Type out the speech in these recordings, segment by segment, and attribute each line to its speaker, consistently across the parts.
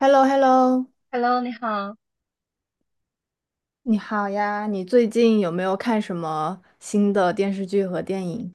Speaker 1: h e l l o h e l l o
Speaker 2: Hello，你好。
Speaker 1: 你好呀，你最近有没有看什么新的电视剧和电影？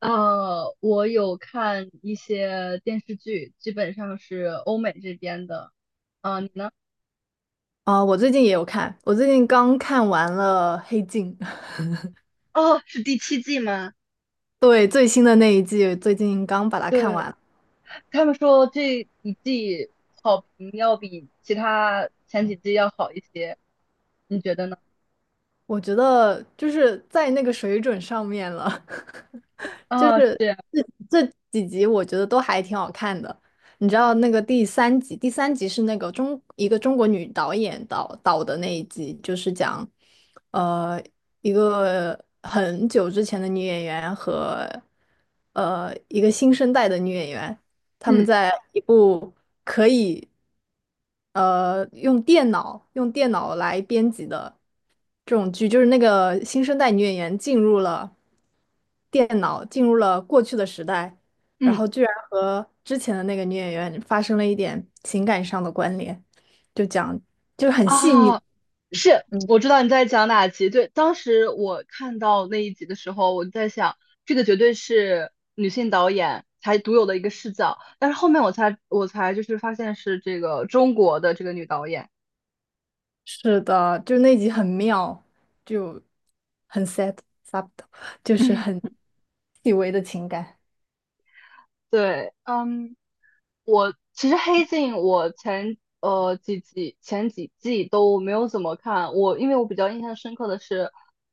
Speaker 2: 我有看一些电视剧，基本上是欧美这边的。啊、你呢？
Speaker 1: 啊，我最近也有看，我最近刚看完了《黑镜》。
Speaker 2: 哦，是第七季吗？
Speaker 1: 对，最新的那一季，最近刚把它看
Speaker 2: 对，
Speaker 1: 完，
Speaker 2: 他们说这一季好评要比其他前几季要好一些，你觉得呢？
Speaker 1: 我觉得就是在那个水准上面了。就
Speaker 2: 啊、
Speaker 1: 是
Speaker 2: 是，
Speaker 1: 这这几集我觉得都还挺好看的。你知道那个第三集是那个一个中国女导演导的那一集，就是讲呃一个很久之前的女演员和一个新生代的女演员，她们
Speaker 2: 嗯
Speaker 1: 在一部可以用电脑来编辑的。这种剧，就是那个新生代女演员进入了电脑，进入了过去的时代，然
Speaker 2: 嗯，
Speaker 1: 后居然和之前的那个女演员发生了一点情感上的关联，就讲就是很细腻，
Speaker 2: 啊。是，
Speaker 1: 嗯，
Speaker 2: 我知道你在讲哪集。对，当时我看到那一集的时候，我就在想，这个绝对是女性导演才独有的一个视角。但是后面我才就是发现是这个中国的这个女导演
Speaker 1: 是的，就是那集很妙，就很 s e t subtle，就是
Speaker 2: 嗯
Speaker 1: 很细微的情感，
Speaker 2: 对，嗯，我其实《黑镜》我前几季都没有怎么看，因为我比较印象深刻的是，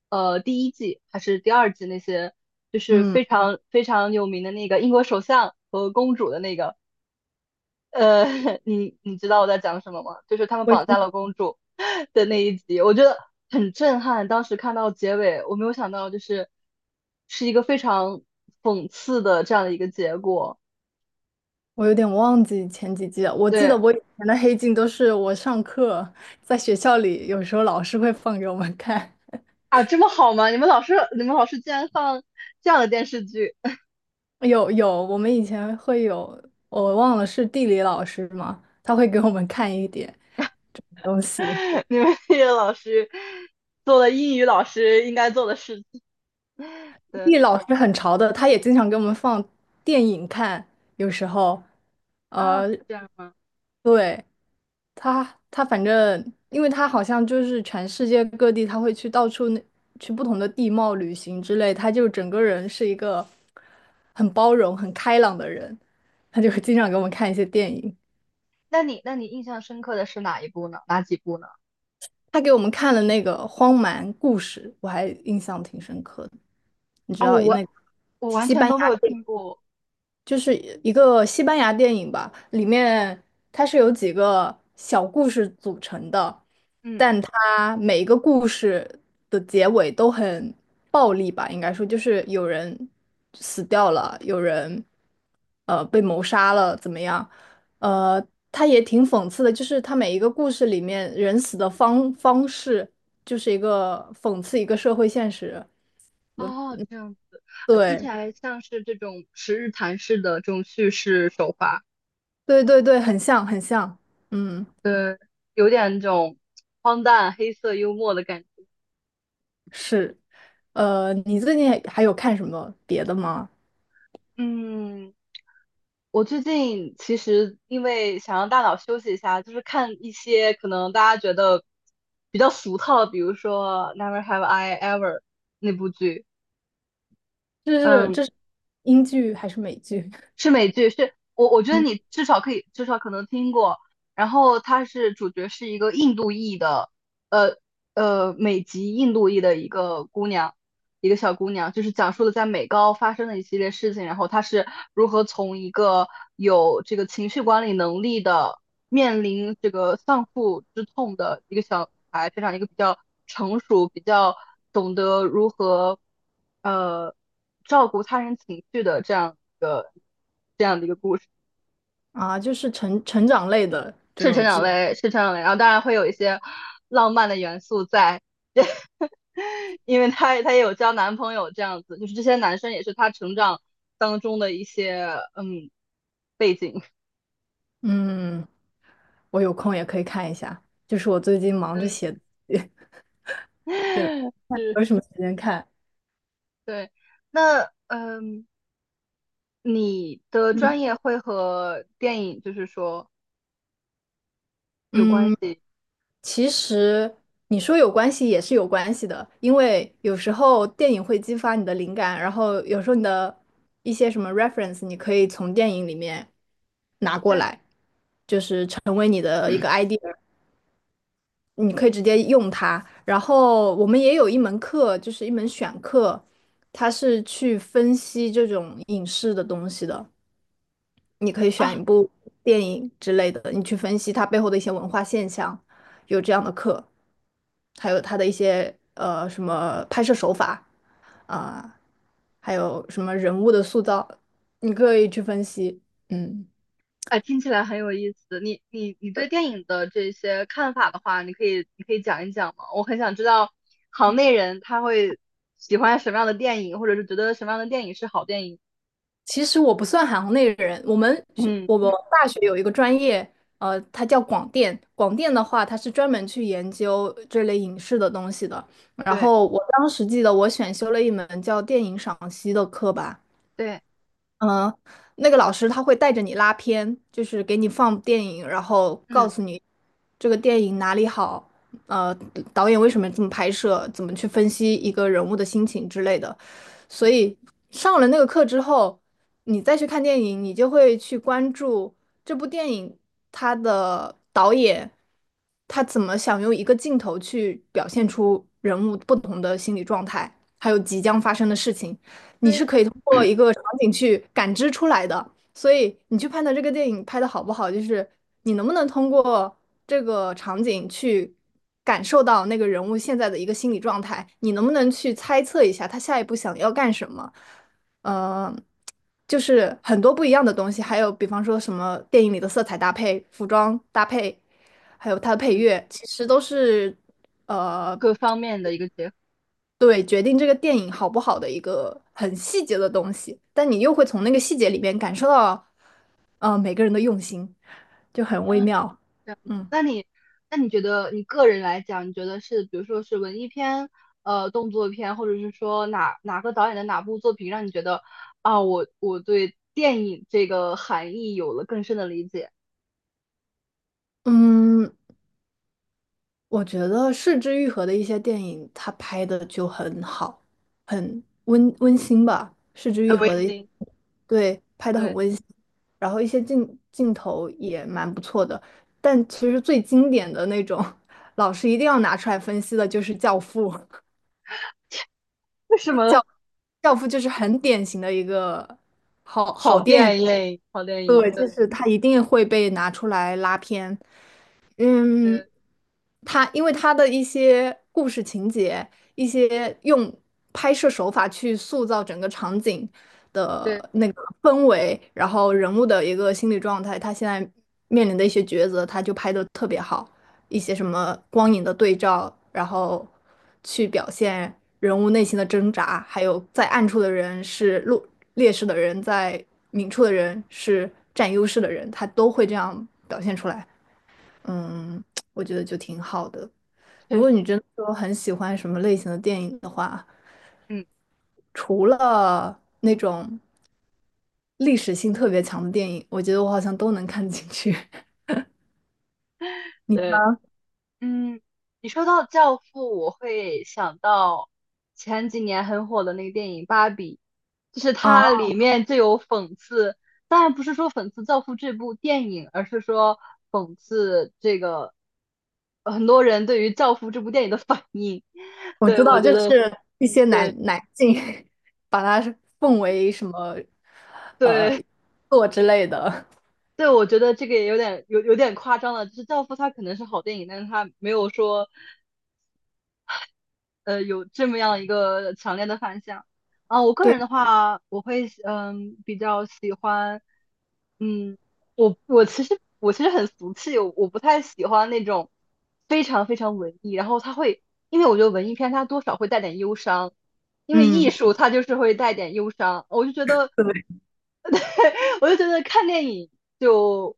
Speaker 2: 第一季还是第二季那些，就是
Speaker 1: 嗯。
Speaker 2: 非常非常有名的那个英国首相和公主的那个。呃，你知道我在讲什么吗？就是他们
Speaker 1: 我已
Speaker 2: 绑架
Speaker 1: 经
Speaker 2: 了公主 的那一集，我觉得很震撼。当时看到结尾，我没有想到，就是是一个非常讽刺的这样的一个结果。
Speaker 1: 我有点忘记前几季了，我记得
Speaker 2: 对
Speaker 1: 我以前的黑镜都是我上课在学校里，有时候老师会放给我们看。
Speaker 2: 啊，这么好吗？你们老师竟然放这样的电视剧。
Speaker 1: 我们以前会有，我忘了是地理老师吗？他会给我们看一点东西。
Speaker 2: 你们这个老师做了英语老师应该做的事情。对
Speaker 1: 地理老师很潮的，他也经常给我们放电影看，有时候，
Speaker 2: 啊，是
Speaker 1: 呃，
Speaker 2: 这样吗？
Speaker 1: 对，他反正，因为他好像就是全世界各地，他会去到处那去不同的地貌旅行之类，他就整个人是一个很包容、很开朗的人，他就会经常给我们看一些电影。
Speaker 2: 那你印象深刻的是哪一部呢？哪几部呢？
Speaker 1: 他给我们看了那个《荒蛮故事》，我还印象挺深刻的。你知
Speaker 2: 哦，
Speaker 1: 道
Speaker 2: 我
Speaker 1: 那个
Speaker 2: 我完
Speaker 1: 西
Speaker 2: 全
Speaker 1: 班
Speaker 2: 都没有听过。
Speaker 1: 就是一个西班牙电影吧，里面它是由几个小故事组成的，
Speaker 2: 嗯。
Speaker 1: 但它每一个故事的结尾都很暴力吧，应该说就是有人死掉了，有人被谋杀了，怎么样？呃，它也挺讽刺的，就是它每一个故事里面人死的方式，就是一个讽刺一个社会现实。
Speaker 2: 哦，这样啊，听起
Speaker 1: 对，
Speaker 2: 来像是这种十日谈式的这种叙事手法，
Speaker 1: 对对对，很像很像，嗯，
Speaker 2: 对，有点那种荒诞、黑色幽默的感觉。
Speaker 1: 是。你最近还有看什么别的吗？
Speaker 2: 嗯，我最近其实因为想让大脑休息一下，就是看一些可能大家觉得比较俗套的，比如说《Never Have I Ever》那部剧。
Speaker 1: 这是
Speaker 2: 嗯，
Speaker 1: 这是英剧还是美剧？
Speaker 2: 是美剧，是我觉得
Speaker 1: 嗯
Speaker 2: 你至少可能听过。然后主角是一个印度裔的，呃美籍印度裔的一个姑娘，一个小姑娘，就是讲述了在美高发生的一系列事情，然后她是如何从一个有这个情绪管理能力的，面临这个丧父之痛的一个小女孩，变成一个比较成熟、比较懂得如何呃照顾他人情绪的这样的一个故事。
Speaker 1: 啊，就是成长类的这
Speaker 2: 是成
Speaker 1: 种
Speaker 2: 长
Speaker 1: 剧。
Speaker 2: 类，是成长类，然后当然会有一些浪漫的元素在。因为她也有交男朋友这样子，就是这些男生也是她成长当中的一些嗯背景。
Speaker 1: 嗯，我有空也可以看一下。就是我最近忙着
Speaker 2: 嗯，
Speaker 1: 写，也没
Speaker 2: 是，
Speaker 1: 有什么时间看。
Speaker 2: 对，那你的
Speaker 1: 嗯
Speaker 2: 专业会和电影就是说有关
Speaker 1: 嗯，
Speaker 2: 系。
Speaker 1: 其实你说有关系也是有关系的，因为有时候电影会激发你的灵感，然后有时候你的一些什么 reference，你可以从电影里面拿过
Speaker 2: 对，
Speaker 1: 来，成为你的一个 idea。你可以直接用它。然后我们也有一门课，就是一门选课，它是去分析这种影视的东西的。你可以选
Speaker 2: 啊？
Speaker 1: 一部电影之类的，你去分析它背后的一些文化现象，有这样的课，还有它的一些什么拍摄手法啊，还有什么人物的塑造，你可以去分析。嗯。
Speaker 2: 哎，听起来很有意思。你对电影的这些看法的话，你可以讲一讲吗？我很想知道行内人他会喜欢什么样的电影，或者是觉得什么样的电影是好电影。
Speaker 1: 其实我不算行内人，
Speaker 2: 嗯，
Speaker 1: 我们大学有一个专业，它叫广电。广电的话，它是专门去研究这类影视的东西的。然
Speaker 2: 对
Speaker 1: 后我当时记得我选修了一门叫电影赏析的课吧，
Speaker 2: 对，
Speaker 1: 嗯，那个老师他会带着你拉片，就是给你放电影，然后告
Speaker 2: 嗯
Speaker 1: 诉你这个电影哪里好，呃，导演为什么这么拍摄，怎么去分析一个人物的心情之类的。所以上了那个课之后，你再去看电影，你就会去关注这部电影它的导演，他怎么想用一个镜头去表现出人物不同的心理状态，还有即将发生的事情。你是
Speaker 2: 对，
Speaker 1: 可以通过一个场景去感知出来的。所以你去判断这个电影拍的好不好，就是你能不能通过这个场景去感受到那个人物现在的一个心理状态，你能不能去猜测一下他下一步想要干什么？呃，就是很多不一样的东西，还有比方说什么电影里的色彩搭配、服装搭配，还有它的配
Speaker 2: 嗯，
Speaker 1: 乐，其实都是呃
Speaker 2: 各方面的一个结合。
Speaker 1: 对，决定这个电影好不好的一个很细节的东西，但你又会从那个细节里面感受到，每个人的用心，就很微
Speaker 2: 啊，
Speaker 1: 妙。
Speaker 2: 这样子。
Speaker 1: 嗯
Speaker 2: 那你觉得你个人来讲，你觉得是比如说是文艺片、动作片，或者是说哪个导演的哪部作品让你觉得啊，我对电影这个含义有了更深的理解？
Speaker 1: 嗯，我觉得是之愈合》的一些电影，他拍的就很好，很温馨吧。是之
Speaker 2: 很
Speaker 1: 愈
Speaker 2: 温
Speaker 1: 合》的一
Speaker 2: 馨，
Speaker 1: 对，拍的很
Speaker 2: 对，
Speaker 1: 温馨，然后一些镜头也蛮不错的。但其实最经典的那种，老师一定要拿出来分析的就是《教父》。
Speaker 2: 为什么？
Speaker 1: 教 教父就是很典型的一个，
Speaker 2: 好电影，好电
Speaker 1: 对，
Speaker 2: 影，对
Speaker 1: 就是他一定会被拿出来拉偏。嗯，
Speaker 2: 对
Speaker 1: 他因为他的一些故事情节，一些用拍摄手法去塑造整个场景
Speaker 2: 对。
Speaker 1: 的那个氛围，然后人物的一个心理状态，他现在面临的一些抉择，他就拍的特别好，一些什么光影的对照，然后去表现人物内心的挣扎，还有在暗处的人是劣势的人，在明处的人是占优势的人，他都会这样表现出来。嗯，我觉得就挺好的。如
Speaker 2: 确实。
Speaker 1: 果你真的说很喜欢什么类型的电影的话，
Speaker 2: 嗯，
Speaker 1: 除了那种历史性特别强的电影，我觉得我好像都能看进去。你
Speaker 2: 对，嗯，你说到《教父》，我会想到前几年很火的那个电影《芭比》，就是
Speaker 1: 啊，
Speaker 2: 它里面就有讽刺，当然不是说讽刺《教父》这部电影，而是说讽刺这个很多人对于《教父》这部电影的反应。
Speaker 1: 我
Speaker 2: 对，
Speaker 1: 知
Speaker 2: 我
Speaker 1: 道，就
Speaker 2: 觉
Speaker 1: 是
Speaker 2: 得，
Speaker 1: 一些男
Speaker 2: 对
Speaker 1: 男性 把它奉为什么
Speaker 2: 对。
Speaker 1: 作之类的。
Speaker 2: 对，我觉得这个也有点夸张了。就是《教父》它可能是好电影，但是它没有说有这么样一个强烈的反响啊。我个
Speaker 1: 对，
Speaker 2: 人的话，我会比较喜欢。嗯，我其实很俗气，我不太喜欢那种非常非常文艺，然后它会，因为我觉得文艺片它多少会带点忧伤，因为艺
Speaker 1: 嗯，
Speaker 2: 术它就是会带点忧伤，我就觉得
Speaker 1: 对，
Speaker 2: 我就觉得看电影就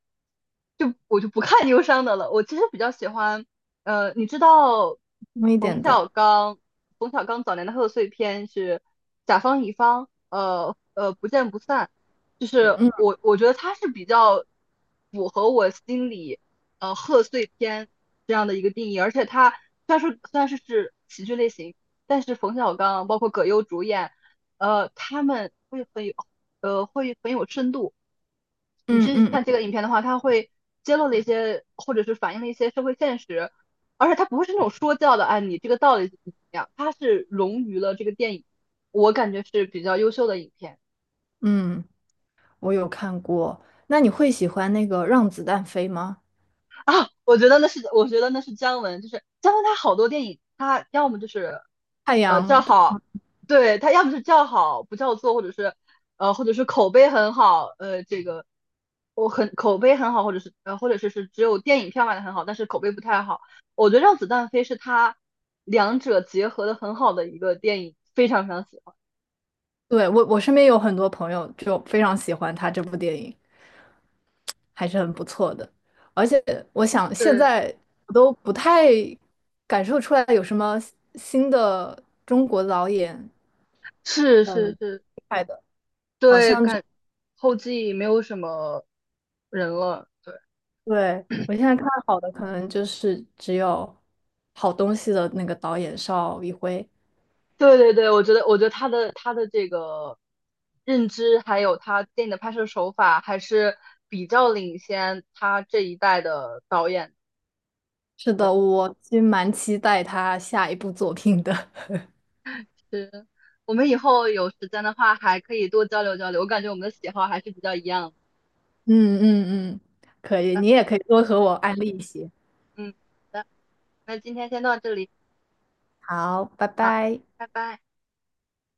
Speaker 2: 我就不看忧伤的了。我其实比较喜欢，呃，你知道
Speaker 1: 重一
Speaker 2: 冯
Speaker 1: 点的，
Speaker 2: 小刚，冯小刚早年的贺岁片是《甲方乙方》，不见不散。就是我觉得它是比较符合我心里贺岁片这样的一个定义，而且它虽然说是喜剧类型，但是冯小刚包括葛优主演。他们会很有，会很有深度。你
Speaker 1: 嗯
Speaker 2: 去
Speaker 1: 嗯
Speaker 2: 看这个影片的话，它会揭露了一些，或者是反映了一些社会现实，而且它不是那种说教的。哎，你这个道理怎么怎么样，它是融于了这个电影，我感觉是比较优秀的影片。
Speaker 1: 嗯嗯，我有看过。那你会喜欢那个《让子弹飞》吗？
Speaker 2: 啊，我觉得那是姜文，就是姜文他好多电影，他要么就是，
Speaker 1: 太
Speaker 2: 叫
Speaker 1: 阳。
Speaker 2: 好，对，他要么是叫好不叫座，或者是口碑很好，这个口碑很好，或者是只有电影票卖的很好，但是口碑不太好。我觉得《让子弹飞》是他两者结合的很好的一个电影，非常非常喜欢。
Speaker 1: 对，我身边有很多朋友就非常喜欢他这部电影，还是很不错的。而且我想现
Speaker 2: 对，
Speaker 1: 在我都不太感受出来有什么新的中国导演
Speaker 2: 是
Speaker 1: 很
Speaker 2: 是
Speaker 1: 厉
Speaker 2: 是，
Speaker 1: 害的，好
Speaker 2: 对，
Speaker 1: 像只
Speaker 2: 后继没有什么人了。对。
Speaker 1: 对，我现在看好的可能就是只有好东西的那个导演邵艺辉。
Speaker 2: 对对对，我觉得他的这个认知，还有他电影的拍摄手法，还是比较领先他这一代的导演。
Speaker 1: 是
Speaker 2: 对，
Speaker 1: 的，我其实蛮期待他下一部作品的。
Speaker 2: 是我们以后有时间的话，还可以多交流交流。我感觉我们的喜好还是比较一样
Speaker 1: 嗯嗯嗯，可以，
Speaker 2: 的。
Speaker 1: 你也可以多和我安利一些。
Speaker 2: 嗯，好的，那今天先到这里，
Speaker 1: 好，拜
Speaker 2: 好，
Speaker 1: 拜。
Speaker 2: 拜拜。